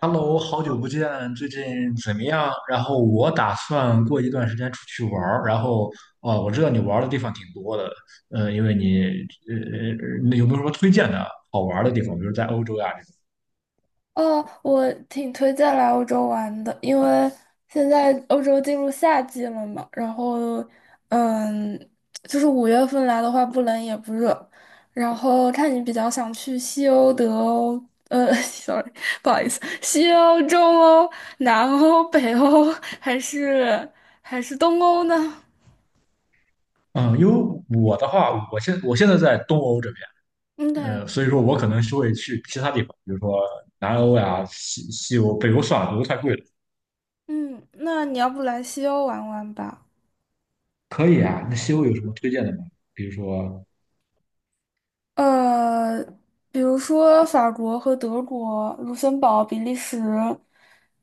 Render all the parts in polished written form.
Hello，好久不见，最近怎么样？然后我打算过一段时间出去玩儿，然后哦，我知道你玩儿的地方挺多的，嗯，因为你呃，呃那有没有什么推荐的好玩儿的地方？比如在欧洲呀这种。哦，我挺推荐来欧洲玩的，因为现在欧洲进入夏季了嘛。然后，嗯，就是五月份来的话，不冷也不热。然后看你比较想去西欧、德欧，呃 ，sorry，不好意思，西欧、中欧、南欧、北欧，还是东欧呢？嗯，因为我的话，我现在在东欧这边，嗯，对。呃，所以说我可能是会去其他地方，比如说南欧呀、西欧、北欧算了，北欧太贵了。嗯，那你要不来西欧玩玩吧？可以啊，那西欧有什么推荐的吗？比如说呃，比如说法国和德国、卢森堡、比利时、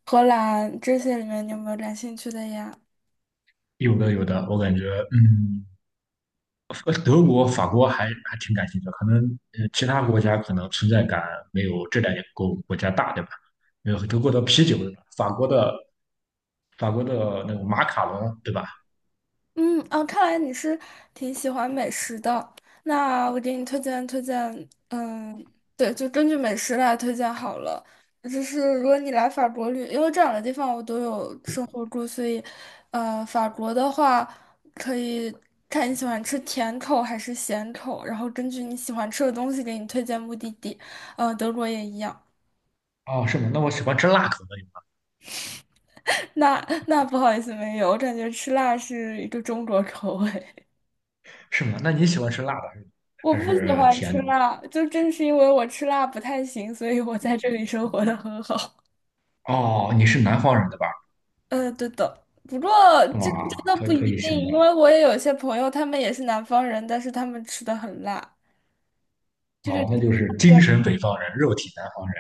荷兰这些里面，你有没有感兴趣的呀？有的有的，我感觉嗯。呃德国、法国还挺感兴趣的，可能呃其他国家可能存在感没有这两个国家大，对吧？因为德国的啤酒，对吧？法国的那个马卡龙，对吧？嗯嗯，啊，看来你是挺喜欢美食的。那我给你推荐推荐，嗯，对，就根据美食来推荐好了。就是如果你来法国旅，因为这两个地方我都有生活过，所以，法国的话可以看你喜欢吃甜口还是咸口，然后根据你喜欢吃的东西给你推荐目的地。嗯，德国也一样。哦，是吗？那我喜欢吃辣口的，那不好意思，没有，我感觉吃辣是一个中国口味。是吗？那你喜欢吃辣的我还不喜是欢甜吃的？辣，就正是因为我吃辣不太行，所以我在这里生活的很好。哦，你是南方人对吧？对的，不过这个哇，真的可不可一以定，想到，因为我也有些朋友，他们也是南方人，但是他们吃的很辣。这个哦，那就是精对。神北方人，肉体南方人，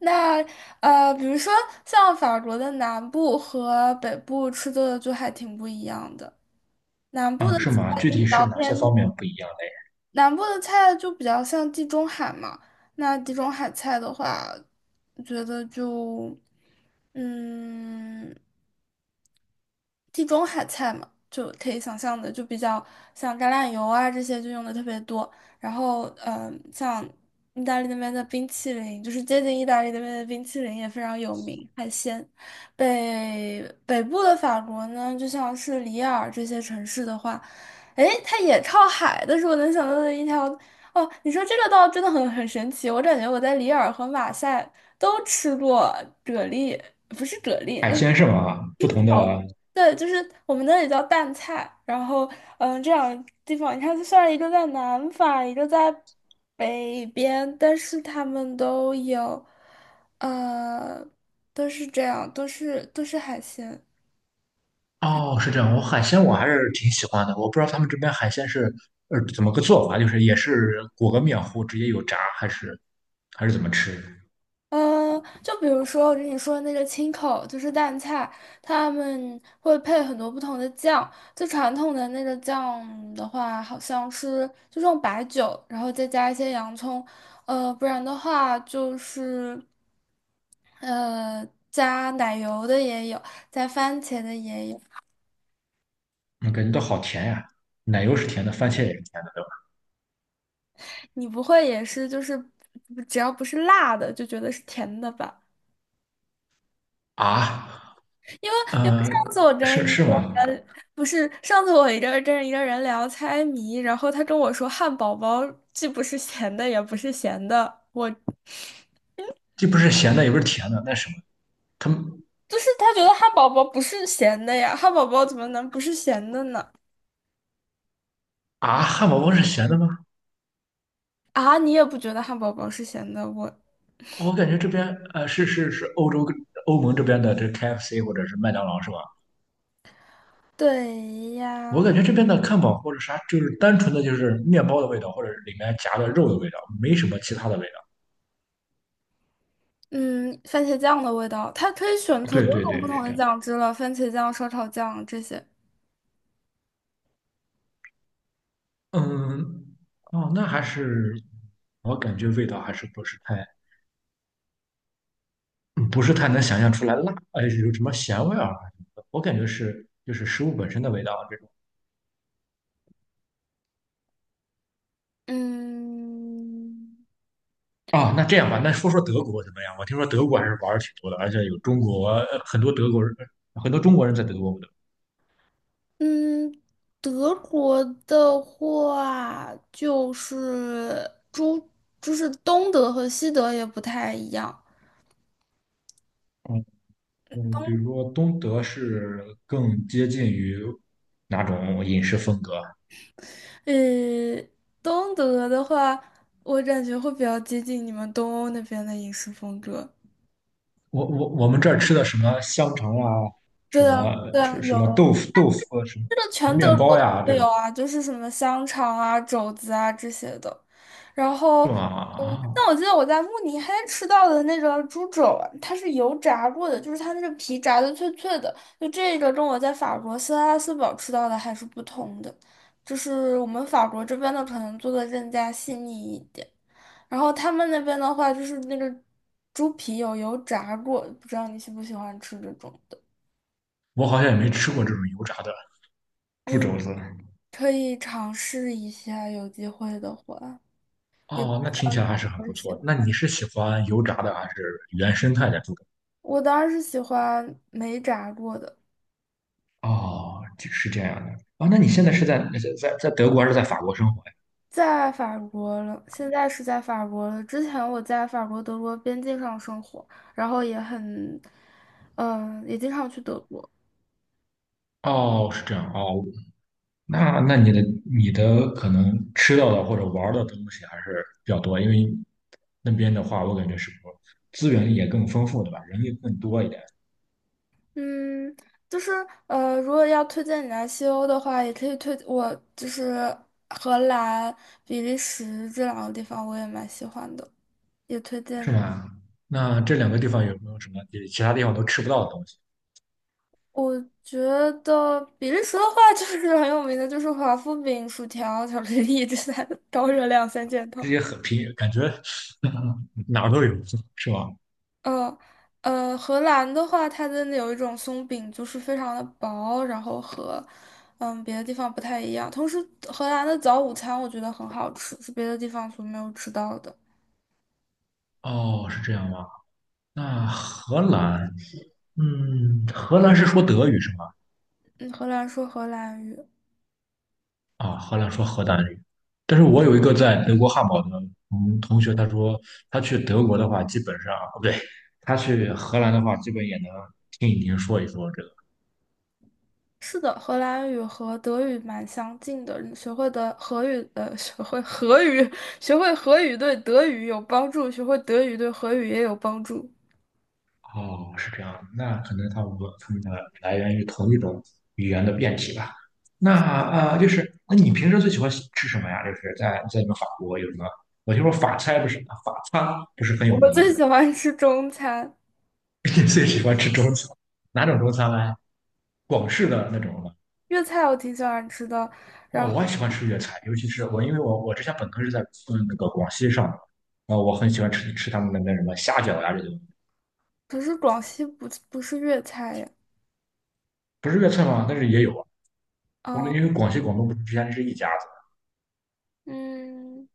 那比如说像法国的南部和北部吃的就还挺不一样的。南部的嗯，是吗？菜具就比体是较哪些方偏面不一样嘞？南部的菜就比较像地中海嘛。那地中海菜的话，我觉得就，嗯。地中海菜嘛，就可以想象的，就比较像橄榄油啊这些就用的特别多。然后，像意大利那边的冰淇淋，就是接近意大利那边的冰淇淋也非常有名，海鲜。北部的法国呢，就像是里尔这些城市的话，诶，它也靠海，但是我能想到的一条，哦，你说这个倒真的很神奇，我感觉我在里尔和马赛都吃过蛤蜊，不是蛤蜊，海那。鲜是吗？不同的对，就是我们那里叫蛋菜。然后嗯，这两个地方，你看，虽然一个在南法，一个在北边，但是他们都有，呃，都是这样，都是海鲜。哦，是这样。我海鲜我还是挺喜欢的。我不知道他们这边海鲜是呃怎么个做法，就是也是裹个面糊直接有炸，还是怎么吃？嗯，就比如说我跟你说的那个青口，就是蛋菜，他们会配很多不同的酱。最传统的那个酱的话，好像是就用白酒，然后再加一些洋葱。呃，不然的话就是。加奶油的也有，加番茄的也有。我感觉到好甜呀，奶油是甜的，番茄也是甜的，对吧？你不会也是就是只要不是辣的就觉得是甜的吧？啊，因为呃，上次我跟是一是个吗？人，不是上次，我一个人聊猜谜，然后他跟我说汉堡包既不是咸的也不是咸的，我就既不是咸的，也不是甜的，那什么？他们是他觉得汉堡包不是咸的呀，汉堡包怎么能不是咸的呢？啊，汉堡包是咸的吗？啊，你也不觉得汉堡包是咸的？我我感觉这边呃欧洲欧盟这边的这 KFC 或者是麦当劳是吧？对我呀。感觉这边的汉堡或者啥，就是单纯的就是面包的味道，或者里面夹的肉的味道，没什么其他的味嗯，番茄酱的味道，它可以选道。可对多对种不对，同是的这样。酱汁了，番茄酱、烧烤酱这些。嗯，哦，那还是我感觉味道还是不是太，嗯不是太能想象出来辣，哎，有什么咸味儿啊什么的。我感觉是就是食物本身的味道这种。嗯啊，那这样吧，那说说德国怎么样？我听说德国还是玩儿挺多的，而且有中国呃很多德国人，呃很多中国人在德国。对嗯，德国的话就是就是东德和西德也不太一样。嗯，比如说东德是更接近于哪种饮食风格啊？呃，东德的话，我感觉会比较接近你们东欧那边的饮食风格。我们这儿吃的什么香肠呀，什对啊，么对啊，是什么有。豆腐啊什这个么全面德国包都呀这会有种啊，就是什么香肠啊、肘子啊这些的。然后，是吗？嗯，啊，但我记得我在慕尼黑吃到的那个猪肘啊，它是油炸过的，就是它那个皮炸的脆脆的。就这个跟我在法国斯拉斯堡吃到的还是不同的，就是我们法国这边的可能做的更加细腻一点，然后他们那边的话就是那个猪皮有油炸过，不知道你喜不喜欢吃这种的。我好像也没吃过这种油炸的猪嗯。肘子。可以尝试一下，有机会的话，也不哦，知那听起来道还是很我不喜错的那欢。你是喜欢油炸的还是原生态的猪肘？我当时喜欢没炸过的，哦，这是这样的。啊，那你现在是在德国还是在法国生活呀？在法国了，现在是在法国了。之前我在法国德国边境上生活，然后也很，也经常去德国。哦，是这样。哦，那那你的你的可能吃到的或者玩儿的东西还是比较多，因为那边的话，我感觉是不资源也更丰富，对吧？人也更多一点，嗯，就是如果要推荐你来西欧的话，也可以推我就是荷兰、比利时这两个地方，我也蛮喜欢的，也推荐是你。吧？那这两个地方有没有什么比其他地方都吃不到的东西？我觉得比利时的话 就是很有名的，就是华夫饼、薯条、巧克力这三高热量三件套。这些很平，感觉 哪儿都有，是吧？呃荷兰的话，它真的有一种松饼，就是非常的薄，然后和别的地方不太一样。同时，荷兰的早午餐我觉得很好吃，是别的地方所没有吃到的。哦，是这样吗？那荷兰，嗯，荷兰是说德语是吗？嗯，荷兰说荷兰语。啊，荷兰说荷兰语，但是我有一个在德国汉堡的同学，他说他去德国的话，基本上哦不对，他去荷兰的话，基本也能听一听说一说这个。是的，荷兰语和德语蛮相近的。你学会的荷语，学会荷语，学会荷语对德语有帮助，学会德语对荷语也有帮助。哦，是这样，那可能他们他们的来源于同一种语言的变体吧。那啊，就是那你平时最喜欢吃什么呀？就是在在你们法国有什么？我听说法餐不是法餐不是很有我名吗，最喜欢吃中餐，你最喜欢吃中餐，哪种中餐呢？广式的那种吗？粤菜我挺喜欢吃的。然哦，后，我也喜欢吃粤菜，尤其是我，因为我我之前本科是在嗯那个广西上的，然后我很喜欢吃他们那边什么虾饺呀这些东西。可是广西不是粤菜呀。不是粤菜吗？但是也有啊。我们啊，因为广西广东不是之前是一家子嗯，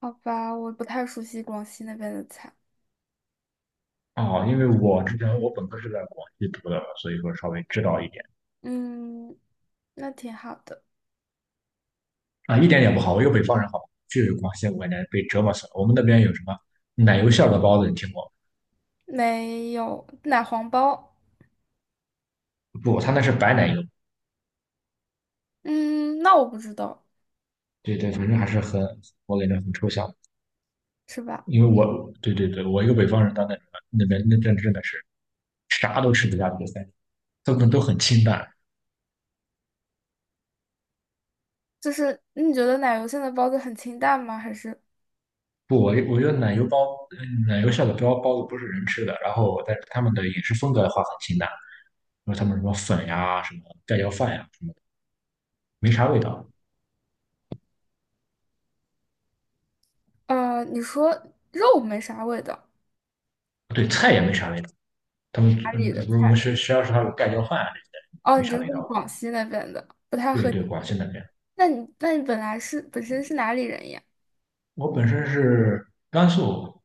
好吧，我不太熟悉广西那边的菜。啊、哦因为我之前我本科是在广西读的，所以说稍微知道一点嗯，那挺好的。啊，一点也不好。我一个北方人好吧，去广西我感觉被折磨死了。我们那边有什么奶油馅儿的包子，你听过吗没有奶黄包。不，他那是白奶油。嗯，那我不知道，对对，反正还是很，我感觉很抽象。是吧？因为我对对对，我一个北方人到那那边那真的是。啥都吃不下去，三他们都很清淡。就是你觉得奶油馅的包子很清淡吗？还是不，我觉得奶油包，嗯奶油馅的包子不是人吃的，然后但是他们的饮食风格的话很清淡，因为他们什么粉呀、什么盖浇饭呀什么的，没啥味道。你说肉没啥味道，对，菜也没啥味道。他们哪嗯，里不的是我们菜？学校食堂有盖浇饭啊这些的，哦，没你啥就是味说道的。广西那边的，不太对合你对，广西胃。那边，那你本来是本身是哪里人呀？我本身是甘肃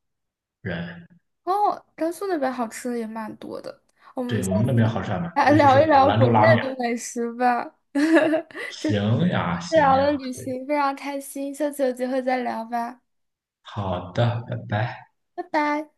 人，哦，甘肃那边好吃的也蛮多的。对我们那边好吃还蛮多，来尤其是聊一聊兰国州内拉面。的美食吧。行呀，行聊呀，了旅行，非常开心，下次有机会再聊吧。好的，拜拜。拜拜。